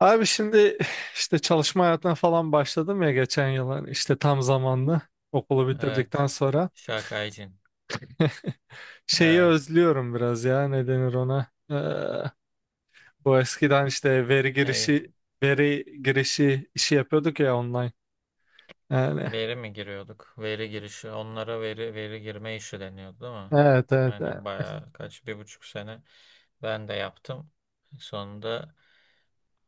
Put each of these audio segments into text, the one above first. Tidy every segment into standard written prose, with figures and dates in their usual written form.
Abi şimdi işte çalışma hayatına falan başladım ya, geçen yıl hani işte tam zamanlı okulu bitirdikten Evet. sonra. Şakaycın. Şeyi Evet. özlüyorum biraz ya, ne denir ona? Bu eskiden işte veri Ey, girişi, veri girişi işi yapıyorduk ya, online yani. veri mi giriyorduk? Veri girişi. Onlara veri girme işi deniyordu değil mi? Evet, evet, evet. Aynen bayağı kaç bir buçuk sene ben de yaptım. Sonunda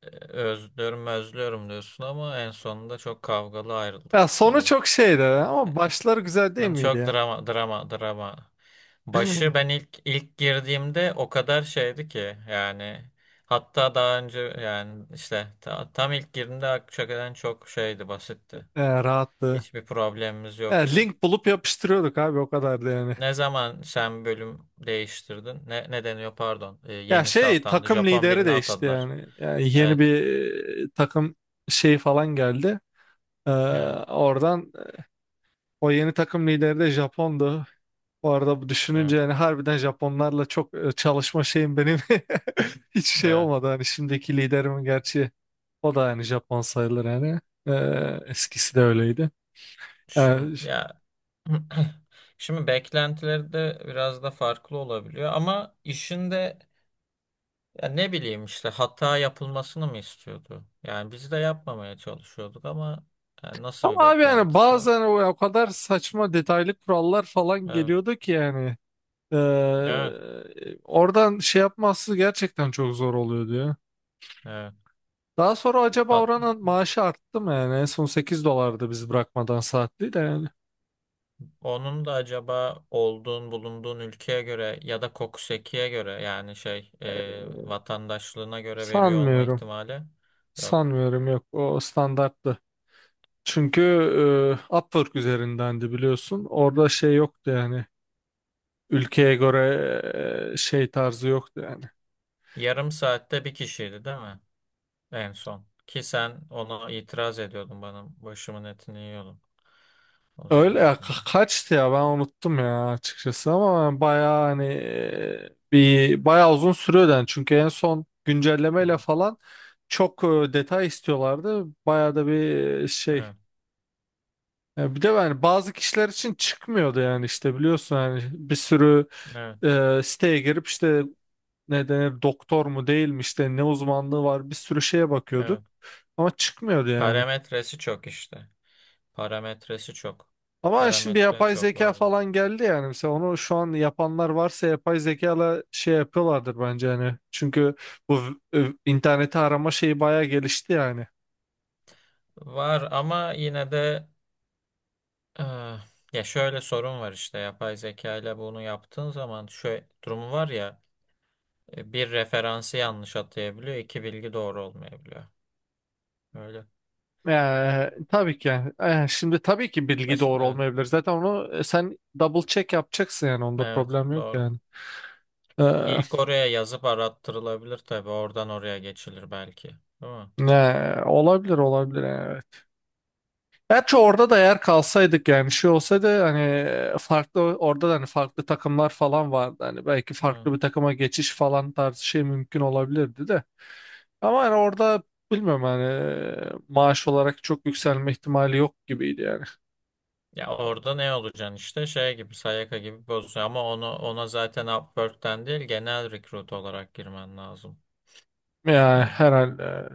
özlüyorum özlüyorum diyorsun ama en sonunda çok kavgalı ayrıldık Ya sonu çok biliyorsun. şeydi ama başları güzel değil Yani miydi çok yani? drama drama drama. Başı ben ilk girdiğimde o kadar şeydi ki yani hatta daha önce yani işte tam ilk girdiğimde hakikaten çok şeydi basitti. Ya rahattı. Hiçbir problemimiz Ya yoktu. link bulup yapıştırıyorduk abi, o kadardı yani. Ne zaman sen bölüm değiştirdin? Ne deniyor pardon? Ya Yenisi şey, atandı. takım Japon lideri birini değişti atadılar. yani. Yani yeni Evet. bir takım şeyi falan geldi. Ee, Evet. Oradan o yeni takım lideri de Japon'du. Bu arada bu düşününce Evet. yani harbiden Japonlarla çok çalışma şeyim benim hiç şey Evet. olmadı. Hani şimdiki liderimin gerçi o da yani Japon sayılır yani. Eskisi de öyleydi. Ee, Şimdi ş- ya şimdi beklentileri de biraz da farklı olabiliyor ama işin de ya ne bileyim işte hata yapılmasını mı istiyordu? Yani biz de yapmamaya çalışıyorduk ama yani nasıl Ama bir abi yani beklentisi var? bazen o kadar saçma detaylı kurallar falan Evet, geliyordu ki yani. Evet, Oradan şey yapması gerçekten çok zor oluyor diyor. evet. Daha sonra acaba Hat- oranın maaşı arttı mı yani? En son 8 dolardı biz bırakmadan, saatli de yani. onun da acaba bulunduğun ülkeye göre ya da kokusekiye göre yani şey Ee, vatandaşlığına göre veriyor olma Sanmıyorum. ihtimali yok. Sanmıyorum, yok, o standarttı. Çünkü Upwork üzerindendi biliyorsun. Orada şey yoktu yani. Ülkeye göre şey tarzı yoktu yani. Yarım saatte bir kişiydi değil mi? En son. Ki sen ona itiraz ediyordun bana başımın etini yiyordun o Öyle zaman ya, yine. Kaçtı ya, ben unuttum ya açıkçası, ama bayağı hani bir bayağı uzun sürüyordu yani. Çünkü en son Hı güncellemeyle hı. falan çok detay istiyorlardı, bayağı da bir e, şey Evet, ya bir de yani bazı kişiler için çıkmıyordu yani, işte biliyorsun yani bir sürü evet, siteye girip, işte ne denir, doktor mu değil mi, işte ne uzmanlığı var, bir sürü şeye bakıyorduk evet. ama çıkmıyordu yani. Parametresi çok işte. Parametresi çok. Ama şimdi Parametre yapay çok zeka vardı. falan geldi yani. Mesela onu şu an yapanlar varsa yapay zekayla şey yapıyorlardır bence hani. Çünkü bu interneti arama şeyi bayağı gelişti yani. Var ama yine de eh, ya şöyle sorun var işte yapay zeka ile bunu yaptığın zaman şöyle durumu var ya, bir referansı yanlış atayabiliyor, iki bilgi doğru olmayabiliyor. Öyle. Tabii ki yani. Şimdi tabii ki bilgi Mesela doğru evet. olmayabilir. Zaten onu sen double check yapacaksın yani. Onda Evet, problem yok doğru. yani. Ee, İlk oraya yazıp arattırılabilir tabii. Oradan oraya geçilir belki. Değil mi? Olabilir, olabilir yani, evet. Gerçi orada da eğer kalsaydık yani, şey olsaydı hani, farklı, orada da hani farklı takımlar falan vardı. Hani belki farklı Evet. bir takıma geçiş falan tarzı şey mümkün olabilirdi de. Ama hani orada bilmiyorum, hani maaş olarak çok yükselme ihtimali yok gibiydi yani. Ya orada ne olacaksın işte şey gibi Sayaka gibi bozuyor ama onu ona zaten Upwork'ten değil genel recruit olarak girmen lazım. Ya Ben herhalde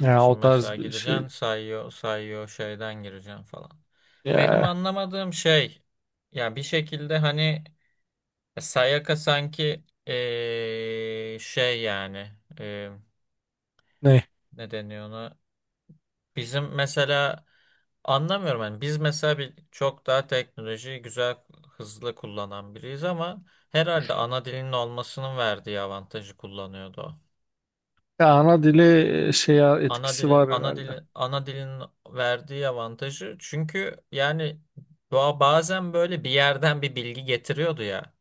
ya o şimdi tarz mesela bir şey. gideceksin sayıyor sayıyor şeyden gireceksin falan. Benim Ya anlamadığım şey ya bir şekilde hani Sayaka sanki şey yani eee ne? ne deniyor ona. Bizim mesela anlamıyorum yani biz mesela bir çok daha teknolojiyi güzel hızlı kullanan biriyiz ama herhalde ana dilinin olmasının verdiği avantajı kullanıyordu o. Ya ana dili şeye Ana etkisi dilin var ana herhalde. dilin ana dilin verdiği avantajı çünkü yani doğa bazen böyle bir yerden bir bilgi getiriyordu ya.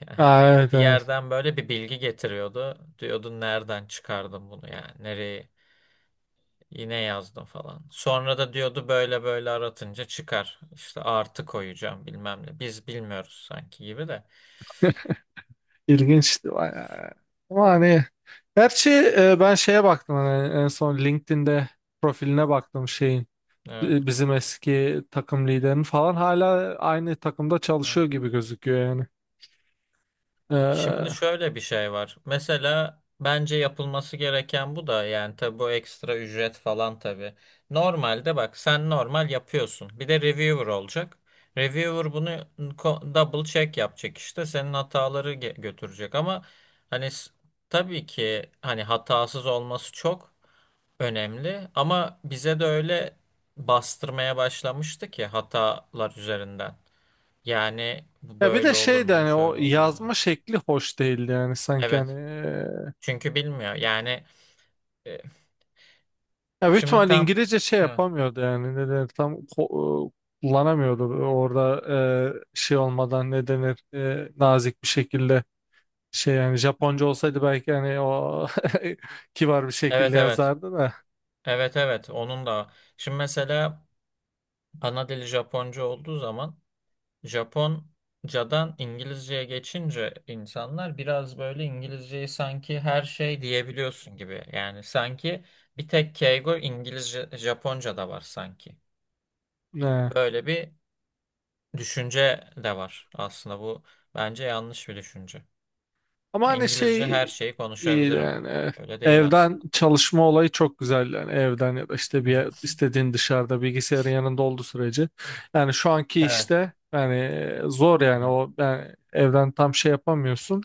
Yani Ha, evet bir evet. yerden böyle bir bilgi getiriyordu. Diyordun nereden çıkardın bunu yani nereye. Yine yazdım falan. Sonra da diyordu böyle böyle aratınca çıkar. İşte artı koyacağım bilmem ne. Biz bilmiyoruz sanki gibi de. İlginçti bayağı. Ama hani, gerçi ben şeye baktım, hani en son LinkedIn'de profiline baktım şeyin, Evet, bizim eski takım liderinin falan hala aynı takımda evet. çalışıyor gibi gözüküyor yani. Şimdi E, şöyle bir şey var. Mesela bence yapılması gereken bu da yani tabii bu ekstra ücret falan tabii. Normalde bak sen normal yapıyorsun. Bir de reviewer olacak. Reviewer bunu double check yapacak işte. Senin hataları götürecek ama hani s- tabii ki hani hatasız olması çok önemli ama bize de öyle bastırmaya başlamıştı ki hatalar üzerinden. Yani bu ya bir de böyle olur şey de mu, hani o şöyle olur mu? yazma şekli hoş değildi yani, sanki hani Evet. Çünkü bilmiyor. Yani e, ya büyük şimdi ihtimal tam İngilizce şey evet. yapamıyordu yani, ne denir, tam kullanamıyordu orada şey olmadan, ne denir, nazik bir şekilde şey yani. Japonca olsaydı belki hani o kibar bir Evet şekilde evet. yazardı da. Evet evet. Onun da. Şimdi mesela ana dili Japonca olduğu zaman Japoncadan İngilizceye geçince insanlar biraz böyle İngilizceyi sanki her şey diyebiliyorsun gibi. Yani sanki bir tek keigo İngilizce, Japonca'da var sanki. Ne? Böyle bir düşünce de var aslında bu bence yanlış bir düşünce. Ama hani İngilizce şey, her şeyi iyi konuşabilirim. yani Öyle değil evden aslında. çalışma olayı çok güzel yani, evden ya da işte Hı bir hı. İstediğin dışarıda, bilgisayarın yanında olduğu sürece. Yani şu anki Evet. işte yani zor Hı yani, hı. o yani evden tam şey yapamıyorsun.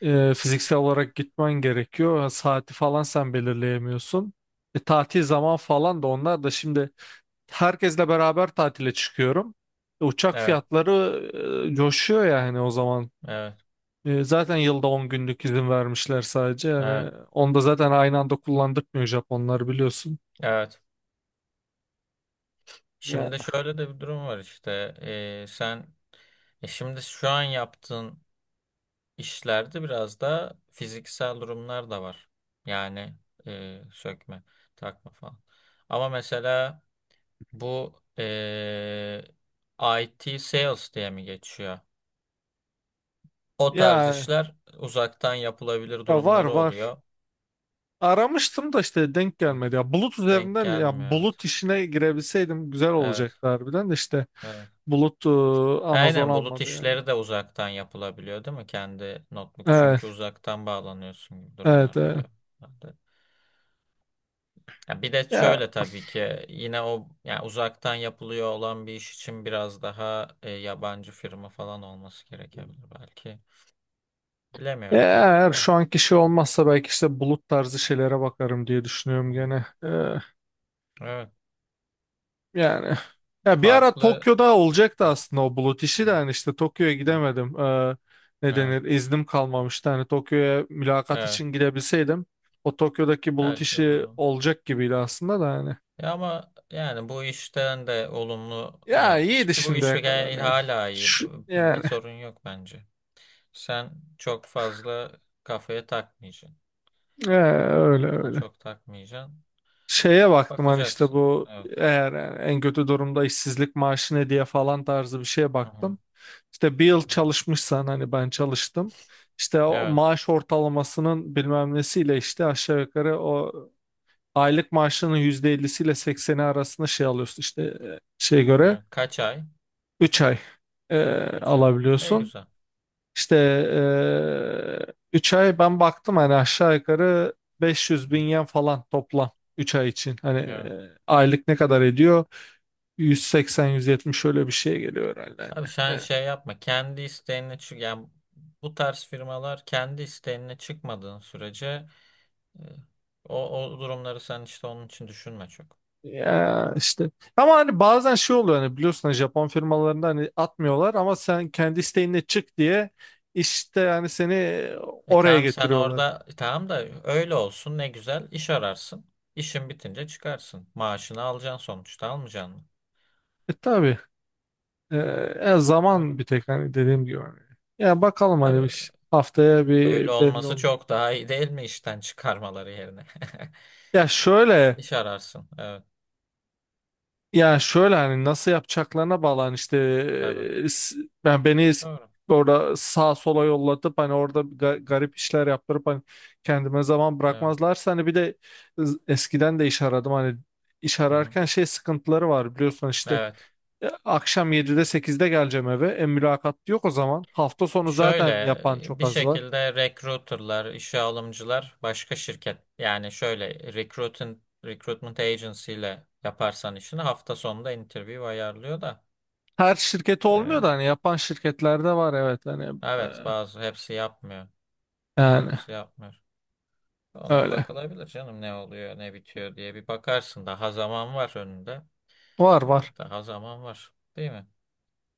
Fiziksel olarak gitmen gerekiyor, saati falan sen belirleyemiyorsun. Tatil zaman falan da, onlar da şimdi herkesle beraber tatile çıkıyorum, uçak Evet. fiyatları coşuyor yani o zaman. Evet. Zaten yılda 10 günlük izin vermişler sadece. Evet. Yani onu da zaten aynı anda kullandırmıyor Japonlar biliyorsun. Evet. Yani Şimdi şöyle de bir durum var işte. Sen şimdi şu an yaptığın İşlerde biraz da fiziksel durumlar da var. Yani sökme, takma falan. Ama mesela bu IT sales diye mi geçiyor? O tarz ya, işler uzaktan yapılabilir ya var, durumları var. oluyor. Aramıştım da işte denk Evet. gelmedi. Ya bulut Denk üzerinden, ya gelmiyor evet. bulut işine girebilseydim güzel Evet, olacaktı harbiden de, işte evet. bulut, Amazon Aynen bulut almadı yani. işleri de uzaktan yapılabiliyor değil mi? Kendi notebook çünkü Evet, uzaktan bağlanıyorsun gibi evet, durumlar evet. oluyor. Ya bir de Ya şöyle tabii ki yine o yani uzaktan yapılıyor olan bir iş için biraz daha yabancı firma falan olması gerekebilir belki. Bilemiyorum tabii eğer ki de. şu anki şey olmazsa belki işte bulut tarzı şeylere bakarım diye düşünüyorum Hı. gene. Evet, Yani ya bir ara farklı. Tokyo'da olacaktı Evet. aslında o bulut işi de, hani işte Tokyo'ya Hı-hı. gidemedim. Ne Evet, denir? İznim kalmamıştı. Hani Tokyo'ya mülakat evet. için gidebilseydim o Tokyo'daki bulut Belki işi olur. olacak gibiydi aslında da hani. Ya ama yani bu işten de olumlu Ya yapmış iyiydi ki bu iş şimdiye kadar gayet yani. hala iyi. Şu, Bir yani sorun yok bence. Sen çok fazla kafaya takmayacaksın. Öyle Kafana öyle. çok takmayacaksın. Şeye baktım hani işte Bakacaksın. bu, Evet. eğer yani en kötü durumda işsizlik maaşı ne diye falan tarzı bir şeye Hı hı. baktım. İşte 1 yıl çalışmışsan, hani ben çalıştım. İşte o Evet. maaş ortalamasının bilmem nesiyle, işte aşağı yukarı o aylık maaşının %50'siyle sekseni arasında şey alıyorsun, işte şeye göre Evet. Kaç ay? 3 ay e, Üç ay. Ne alabiliyorsun. güzel. İşte 3 ay ben baktım hani aşağı yukarı 500 Hı bin hı. yen falan toplam 3 ay için. Hani Evet. Aylık ne kadar ediyor? 180-170 öyle bir şey geliyor herhalde Abi hani. sen E, şey yapma. Kendi isteğine çık. Yani bu tarz firmalar kendi isteğine çıkmadığın sürece, e, o durumları sen işte onun için düşünme çok. Ya Yani. işte ama hani bazen şey oluyor, hani biliyorsun hani Japon firmalarında hani atmıyorlar ama sen kendi isteğinle çık diye işte yani seni E oraya tamam sen getiriyorlar. orada tamam da öyle olsun ne güzel iş ararsın. İşin bitince çıkarsın. Maaşını alacaksın sonuçta almayacaksın mı? E tabii, E, Öyle. zaman bir tek hani, dediğim gibi hani. Ya bakalım hani Tabii. bir haftaya Böyle bir belli olması olur. çok daha iyi değil mi işten çıkarmaları yerine? Ya şöyle, İş ararsın. Evet, ya şöyle hani nasıl yapacaklarına bağlı hani, işte tabii. e, s- ben Doğru. orada sağa sola yollatıp, hani orada garip işler yaptırıp hani kendime zaman Evet. bırakmazlarsa hani, bir de eskiden de iş aradım hani, iş Hı hı. ararken şey sıkıntıları var biliyorsun hani, işte Evet. Akşam 7'de 8'de geleceğim eve, mülakat yok o zaman, hafta sonu Şöyle zaten yapan çok bir az var. şekilde recruiterlar, işe alımcılar başka şirket. Yani şöyle recruiting, recruitment agency ile yaparsan işini hafta sonunda interview ayarlıyor da. Her şirket e, olmuyor da hani yapan şirketlerde var evet hani, evet, bazı hepsi yapmıyor. yani Hepsi yapmıyor. Ona öyle, bakılabilir canım ne oluyor ne bitiyor diye bir bakarsın. Daha zaman var önünde. var E, var. daha zaman var. Değil mi?